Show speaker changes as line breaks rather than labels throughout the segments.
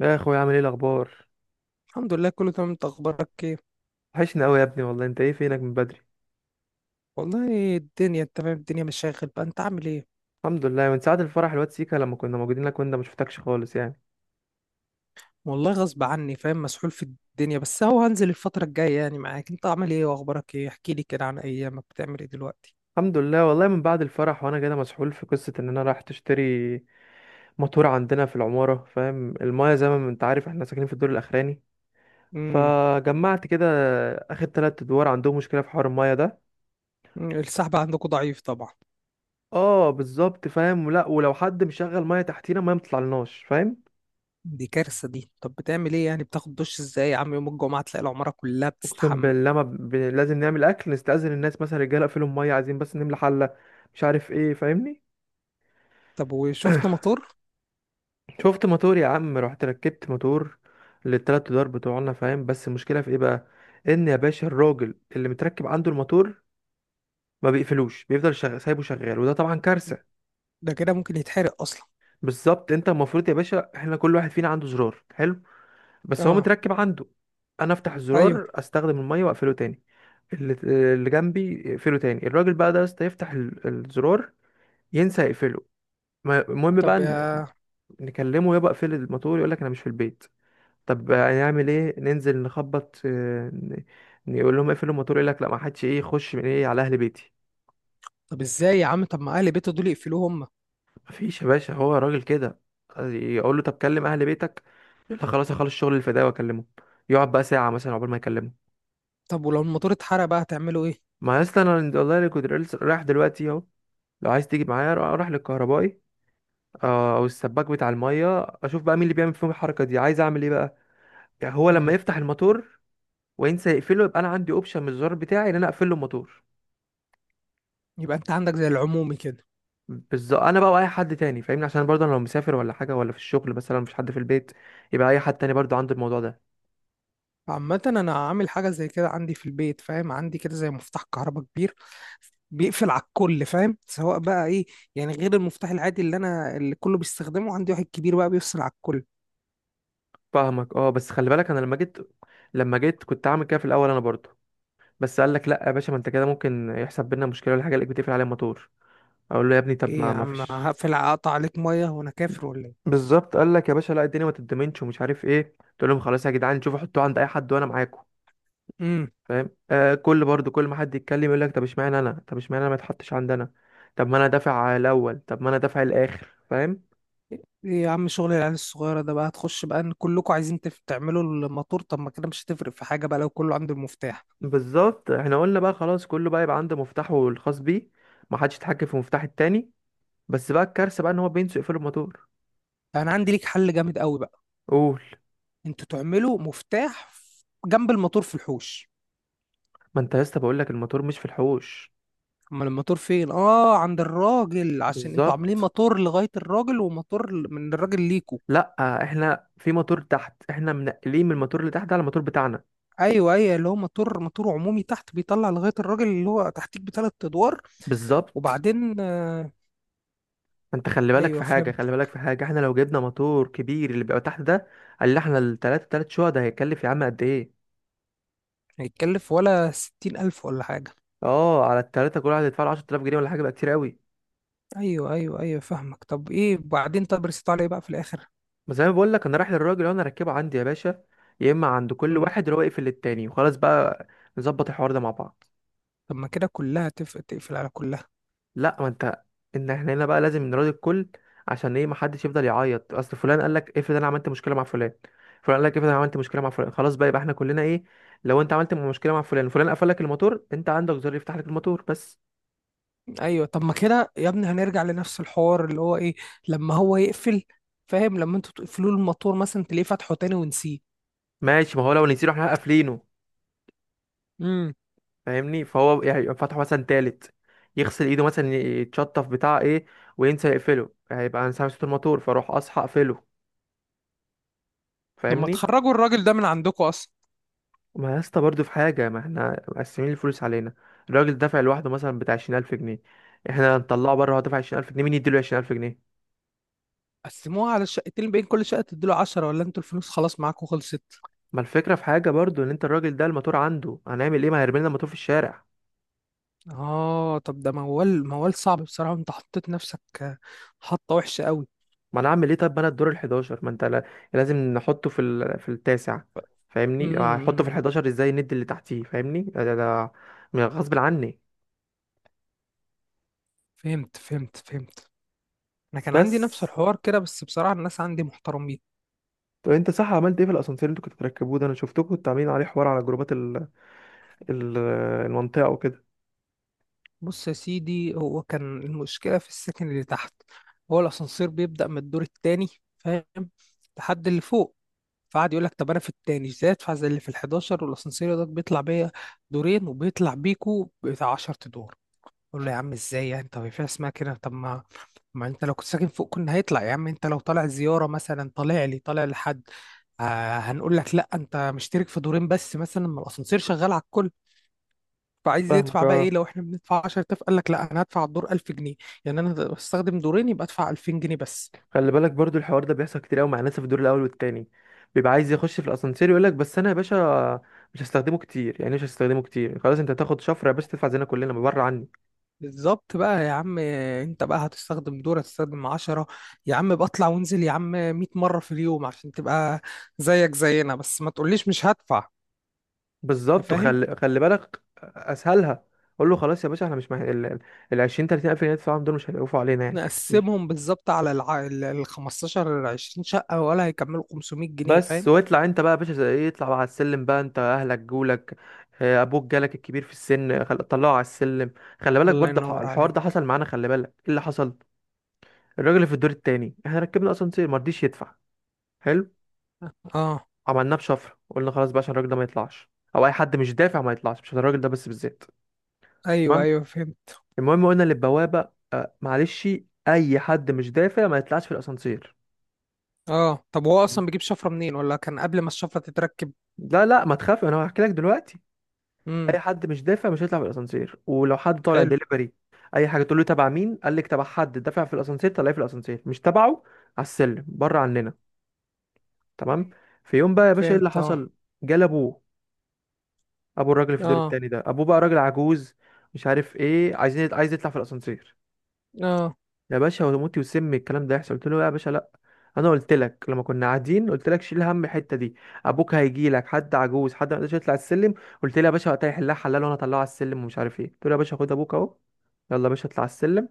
يا اخويا، عامل ايه الاخبار؟
الحمد لله، كله تمام. انت اخبارك ايه؟
وحشني قوي يا ابني، والله انت ايه فينك من بدري؟
والله الدنيا، انت فاهم، الدنيا مشاغل بقى. انت عامل ايه؟
الحمد لله، من ساعه الفرح الواد سيكا لما كنا موجودين لك وانت ما شفتكش خالص يعني.
والله غصب عني، فاهم، مسحول في الدنيا، بس هو هنزل الفترة الجاية، يعني معاك. انت عامل ايه واخبارك ايه؟ احكي لي كده عن ايامك، بتعمل ايه دلوقتي؟
الحمد لله والله، من بعد الفرح وانا كده مسحول في قصه ان انا رايح تشتري موتور عندنا في العماره، فاهم؟ المايه زي ما انت عارف احنا ساكنين في الدور الاخراني.
امم.
فجمعت كده اخر تلات ادوار عندهم مشكله في حوار المايه ده.
السحب عندكم ضعيف طبعا.
اه بالظبط فاهم. لا ولو حد مشغل مايه تحتينا ما بتطلعلناش، فاهم؟
دي كارثة دي. طب بتعمل ايه يعني؟ بتاخد دش ازاي يا عم؟ يوم الجمعة تلاقي العمارة كلها
اقسم
بتستحمى.
بالله ما ب... لازم نعمل اكل نستأذن الناس مثلا، رجاله اقفلوا الميه عايزين بس نملى حله. مش عارف ايه، فاهمني؟
طب وشفت مطر؟
شفت موتور يا عم، رحت ركبت موتور للتلات ادوار بتوعنا، فاهم؟ بس المشكله في ايه بقى؟ ان يا باشا الراجل اللي متركب عنده الموتور ما بيقفلوش، بيفضل سايبه شغال، وده طبعا كارثه.
ده كده ممكن يتحرق اصلا.
بالظبط، انت المفروض يا باشا احنا كل واحد فينا عنده زرار حلو، بس هو
اه.
متركب عنده. انا افتح
ايوه.
الزرار استخدم الميه واقفله تاني. اللي, اللي جنبي يقفله تاني. الراجل بقى ده يا اسطى يفتح الزرار، ينسى يقفله. المهم بقى
طب يا
نكلمه يبقى اقفل الموتور، يقول لك انا مش في البيت. طب هنعمل ايه؟ ننزل نخبط، نقول لهم اقفلوا الموتور، يقول لك لا، ما حدش ايه يخش من ايه على اهل بيتي.
طب ازاي يا عم؟ طب ما اهل بيته دول يقفلوه هم.
مفيش يا باشا، هو راجل كده. يقول له طب كلم اهل بيتك، يقول لك خلاص اخلص شغل الفداء واكلمه. يقعد بقى ساعه مثلا عقبال ما يكلمه.
طب ولو الموتور اتحرق بقى هتعملوا ايه؟
ما يا اسطى انا والله اللي كنت لسه رايح دلوقتي اهو. لو عايز تيجي معايا روح روح للكهربائي، او السباك بتاع الميه، اشوف بقى مين اللي بيعمل فيهم الحركه دي، عايز اعمل ايه بقى. يعني هو لما
مم.
يفتح الموتور وانسى يقفله، يبقى انا عندي اوبشن من الزرار بتاعي ان انا اقفل له الموتور.
يبقى انت عندك زي العمومي كده.
بالظبط، انا بقى واي حد تاني، فاهمني؟ عشان برضه انا لو مسافر ولا حاجه ولا في الشغل مثلا، مفيش حد في البيت، يبقى اي حد تاني برضه عنده الموضوع ده.
عامة انا عامل حاجة زي كده عندي في البيت، فاهم؟ عندي كده زي مفتاح كهرباء كبير بيقفل على الكل، فاهم؟ سواء بقى ايه، يعني غير المفتاح العادي اللي انا، اللي كله بيستخدمه، عندي واحد كبير بقى بيفصل على الكل.
فاهمك اه. بس خلي بالك، انا لما جيت كنت عامل كده في الاول انا برضه. بس قال لك لا يا باشا، ما انت كده ممكن يحصل بينا مشكله ولا حاجه، الاقيك بتقفل عليه الموتور. اقول له يا ابني، طب
ايه
ما
يا
ما
عم؟
فيش.
هقفل اقطع عليك مية وانا كافر ولا ايه؟
بالظبط قال لك يا باشا لا، الدنيا ما تتضمنش ومش عارف ايه. قلت لهم خلاص يا جدعان، شوفوا حطوه عند اي حد وانا معاكم،
امم.
فاهم. كل برضو كل ما حد يتكلم يقول لك طب اشمعنى انا، طب اشمعنى انا ما اتحطش عندنا. طب ما انا دافع الاول، طب ما انا دافع الاخر، فاهم؟
ايه يا عم؟ شغل العيال الصغيرة ده بقى، هتخش بقى ان كلكم عايزين تعملوا الموتور. طب ما كده مش هتفرق في حاجة بقى لو كله عنده المفتاح.
بالظبط، احنا قلنا بقى خلاص كله بقى يبقى عنده مفتاحه الخاص بيه، ما حدش يتحكم في مفتاح التاني. بس بقى الكارثه بقى ان هو بينسوا يقفلوا الموتور.
انا عندي ليك حل جامد قوي بقى.
قول.
انتوا تعملوا مفتاح جنب الموتور في الحوش.
ما انت يا اسطى بقول لك الموتور مش في الحوش.
امال الموتور فين؟ اه، عند الراجل. عشان انتوا عاملين
بالظبط.
موتور لغاية الراجل وموتور من الراجل ليكوا.
لا احنا في موتور تحت، احنا منقلين من الموتور اللي تحت على الموتور بتاعنا.
ايوه، ايوه، اللي هو موتور موتور عمومي تحت بيطلع لغاية الراجل اللي هو تحتيك بثلاث ادوار.
بالظبط.
وبعدين آه.
انت خلي بالك
ايوه،
في حاجه،
فهمت.
خلي بالك في حاجه، احنا لو جبنا موتور كبير اللي بيبقى تحت ده، قال لي احنا التلاته تلات شقق ده هيكلف يا عم قد ايه؟
هيتكلف ولا 60 ألف ولا حاجة.
اه على التلاته كل واحد يدفع له 10000 جنيه ولا حاجه، بقى كتير قوي.
ايوه، ايوه، ايوه، فاهمك. طب ايه بعدين؟ طب رسيتوا على ايه بقى في الاخر؟
بس زي ما بقول لك، انا رايح للراجل وانا اركبه عندي يا باشا، يا اما عند كل
مم.
واحد اللي هو يقفل للتاني وخلاص بقى، نظبط الحوار ده مع بعض.
طب ما كده كلها تقفل على كلها.
لا، ما انت، ان احنا هنا بقى لازم نراضي الكل. عشان ايه؟ ما حدش يفضل يعيط. اصل فلان قال لك افرض انا عملت مشكله مع فلان، فلان قال لك افرض انا عملت مشكله مع فلان، خلاص بقى يبقى احنا كلنا ايه. لو انت عملت مشكله مع فلان، فلان قفل لك الموتور، انت عندك زر يفتح لك الموتور بس.
ايوه. طب ما كده يا ابني هنرجع لنفس الحوار اللي هو ايه، لما هو يقفل، فاهم؟ لما انتوا تقفلوا له الموتور مثلا، تلاقيه فتحه تاني ونسيه.
ماشي، ما هو لو نسينا احنا قافلينه،
امم.
فاهمني؟ فهو يعني يبقى فتحه مثلا تالت، يغسل ايده مثلا، يتشطف بتاع ايه وينسى يقفله، هيبقى انا سامع صوت الموتور، فاروح اصحى اقفله،
طب ما
فاهمني؟
تخرجوا الراجل ده من عندكم اصلا.
ما يا اسطى برضه في حاجة، ما احنا مقسمين الفلوس علينا. الراجل دافع لوحده مثلا بتاع 20,000 جنيه، احنا هنطلعه بره، هو دافع 20,000 جنيه، مين يديله 20,000 جنيه؟
قسموها على الشقتين، بين كل شقه تديله 10، ولا انتوا الفلوس خلاص معاكم خلصت؟
ما الفكرة في حاجة برضه، ان انت الراجل ده الموتور عنده، هنعمل ايه؟ ما هيرمي لنا الموتور في الشارع.
اه، طب ده موال، موال صعب بصراحه. انت حطيت نفسك حطه وحشه قوي.
ما انا اعمل ايه؟ طب ما انا الدور الحداشر، ما انت لازم نحطه في في التاسع، فاهمني؟ هحطه في
امم.
الحداشر ازاي ندي اللي تحتيه، فاهمني؟ ده غصب عني.
فهمت، فهمت، فهمت. انا كان عندي
بس،
نفس الحوار كده بس بصراحه الناس عندي محترمين.
طب انت صح عملت ايه في الاسانسير اللي انتوا كنتوا بتركبوه ده؟ انا شفتكم كنتوا عاملين عليه حوار على جروبات المنطقة وكده.
بص يا سيدي، هو كان المشكلة في السكن اللي تحت. هو الأسانسير بيبدأ من الدور التاني، فاهم، لحد اللي فوق. فقعد يقول لك: طب أنا في التاني إزاي أدفع زي اللي في الحداشر؟ والأسانسير ده بيطلع بيا دورين وبيطلع بيكو بتاع عشر أدوار. أقول له: يا عم إزاي يعني؟ طب في اسمها كده. طب ما أنت لو كنت ساكن فوق كنا هيطلع. يا عم أنت لو طالع زيارة مثلا، طالع لي، طالع لحد هنقول لك لا أنت مشترك في دورين بس مثلا؟ ما الأسانسير شغال على الكل. فعايز
فاهمك
يدفع بقى ايه؟
اه.
لو احنا بندفع 10,000، قال لك لا انا هدفع الدور 1000 جنيه. يعني انا هستخدم دورين، يبقى ادفع 2000 جنيه بس.
خلي بالك برضو الحوار ده بيحصل كتير قوي مع ناس في الدور الاول والتاني، بيبقى عايز يخش في الاسانسير، يقول لك بس انا يا باشا مش هستخدمه كتير يعني مش هستخدمه كتير. خلاص، انت هتاخد شفره يا باشا، تدفع زينا كلنا بره عني.
بالظبط بقى يا عم، انت بقى هتستخدم دور، هتستخدم 10؟ يا عم بطلع وانزل يا عم 100 مرة في اليوم عشان تبقى زيك زينا، بس ما تقوليش مش هدفع. انت
بالظبط.
فاهم؟
وخلي بالك اسهلها، قول له خلاص يا باشا، احنا مش مح... ال ال- ال 20 30 الف جنيه تدفعهم دول مش هيقفوا علينا يعني.
نقسمهم بالظبط على الع... ال ال 15 20 شقة، ولا هيكملوا 500 جنيه،
بس
فاهم؟
واطلع انت بقى يا باشا زي ايه، اطلع بقى على السلم بقى، انت اهلك جولك، ابوك جالك الكبير في السن، طلعه على السلم. خلي بالك
الله
برضه
ينور
الحوار ده
عليك.
حصل معانا، خلي بالك ايه اللي حصل. الراجل اللي في الدور التاني احنا ركبنا اسانسير ما رضيش يدفع. حلو.
اه،
عملناه بشفره، قلنا خلاص بقى عشان الراجل ده ما يطلعش، او اي حد مش دافع ما يطلعش، مش عشان الراجل ده بس بالذات.
ايوه،
تمام.
ايوه، فهمت.
المهم قلنا للبوابه، معلش، اي حد مش دافع ما يطلعش في الاسانسير.
اه طب هو
مم.
اصلا بيجيب شفرة منين، ولا كان قبل ما الشفرة تتركب؟
لا لا، ما تخاف، انا هحكي لك دلوقتي. اي حد مش دافع مش هيطلع في الاسانسير. ولو حد طالع
حلو.
دليفري اي حاجه، تقول له تبع مين، قال لك تبع حد دافع في الاسانسير طلعيه في الاسانسير، مش تبعه على السلم بره عننا. تمام. في يوم بقى يا باشا ايه اللي
فهمت. اه.
حصل؟ جال ابوه. ابو الراجل اللي في الدور
اه.
التاني ده، ابوه بقى راجل عجوز، مش عارف ايه، عايز يطلع في الاسانسير.
اه،
يا باشا، وموتي وسمي الكلام ده يحصل، قلت له لا يا باشا لا، انا قلت لك لما كنا قاعدين قلت لك شيل هم الحته دي، ابوك هيجي لك حد عجوز، حد ما يقدرش يطلع السلم. قلت لي يا باشا وقتها يحلها حلال، وانا اطلعه على السلم ومش عارف ايه. قلت له يا باشا خد ابوك اهو، يلا يا باشا اطلع على السلم،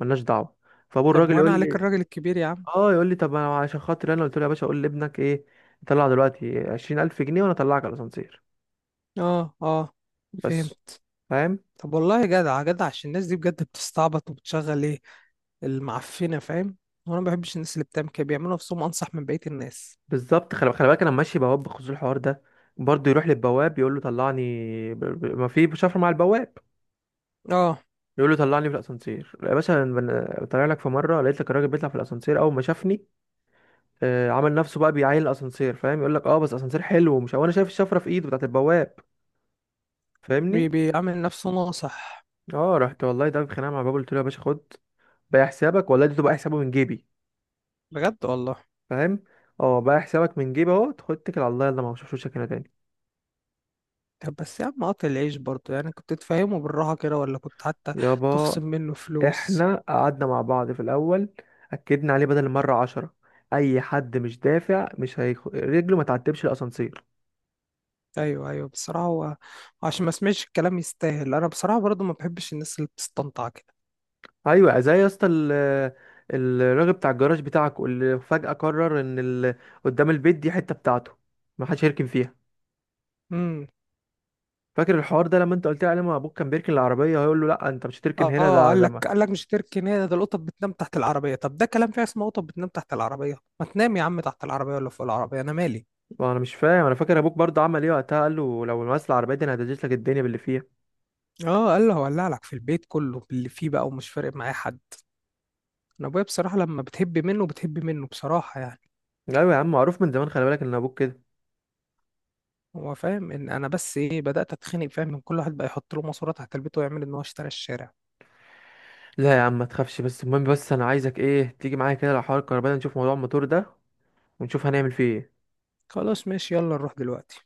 ملناش دعوه. فابو
طب
الراجل
وانا
يقول
عليك
لي
الراجل الكبير يا عم.
اه. يقول لي طب أنا عشان خاطر، انا قلت له يا باشا قول لابنك ايه يطلع دلوقتي 20,000 جنيه وانا اطلعك على الاسانسير.
اه. اه،
بس،
فهمت.
فاهم؟
طب والله جدع جدع، عشان الناس دي بجد بتستعبط وبتشغل ايه المعفنه، فاهم. وانا ما بحبش الناس اللي بتعمل كده، بيعملوا نفسهم انصح من بقيه الناس.
بالظبط. خلي بالك انا ماشي بواب بخصوص الحوار ده برضه، يروح للبواب يقول له طلعني. ما في بشفرة مع البواب.
اه،
يقول له طلعني في الاسانسير يا باشا. أنا طالع لك في مره، لقيت لك الراجل بيطلع في الاسانسير. اول ما شافني، عمل نفسه بقى بيعاين الاسانسير، فاهم؟ يقول لك اه بس اسانسير حلو ومش، وانا شايف الشفره في ايده بتاعت البواب، فاهمني؟
بيعمل نفسه ناصح.
اه رحت والله ده بخناقه مع الباب، قلت له يا باشا خد بقى حسابك، والله ده بقى حسابه من جيبي،
بجد والله.
فاهم؟ اه بقى حسابك من جيبي اهو، خد اتكل على الله يلا، ما بشوفوش هنا تاني.
طب بس يا عم قاطع العيش برضه يعني، كنت تفهمه بالراحه كده، ولا كنت حتى
يابا
تخصم منه فلوس؟
احنا قعدنا مع بعض في الاول، اكدنا عليه بدل المره 10، اي حد مش دافع مش هيخ... رجله ما تعتبش الاسانسير.
ايوه، ايوه، بصراحه هو، عشان ما اسمعش الكلام يستاهل. انا بصراحه برضه ما بحبش الناس اللي بتستنطع كده.
ايوه زي يا اسطى الراجل بتاع الجراج بتاعك اللي فجاه قرر ان قدام البيت دي حته بتاعته، ما حدش هيركن فيها.
امم.
فاكر الحوار ده لما انت قلت لي عليه، ما ابوك كان بيركن العربيه، هيقول له لا انت مش هتركن
اه،
هنا ده
قال
ده
لك
ما
قال لك مش تركي نادي، ده القطط بتنام تحت العربيه. طب ده كلام فيه؟ اسمه قطط بتنام تحت العربيه؟ ما تنام يا عم تحت العربيه ولا فوق العربيه، انا مالي؟
ما انا مش فاهم. انا فاكر ابوك برضه عمل ايه وقتها، قال له لو مثلا العربيه دي انا هدجس لك الدنيا باللي فيها.
اه، قال له هولع لك في البيت كله باللي فيه بقى، ومش فارق معايا حد. انا ابويا بصراحه لما بتهب منه بتهب منه بصراحه، يعني.
ايوه يا عم، معروف من زمان، خلي بالك ان ابوك كده.
هو فاهم ان انا بس ايه بدات اتخنق، فاهم، من كل واحد بقى يحط له ماسوره تحت البيت ويعمل ان هو اشترى الشارع.
لا يا عم ما تخافش، بس المهم، بس انا عايزك ايه تيجي معايا كده، لو حوار الكهرباء ده نشوف موضوع الموتور ده ونشوف هنعمل فيه ايه.
خلاص ماشي، يلا نروح دلوقتي.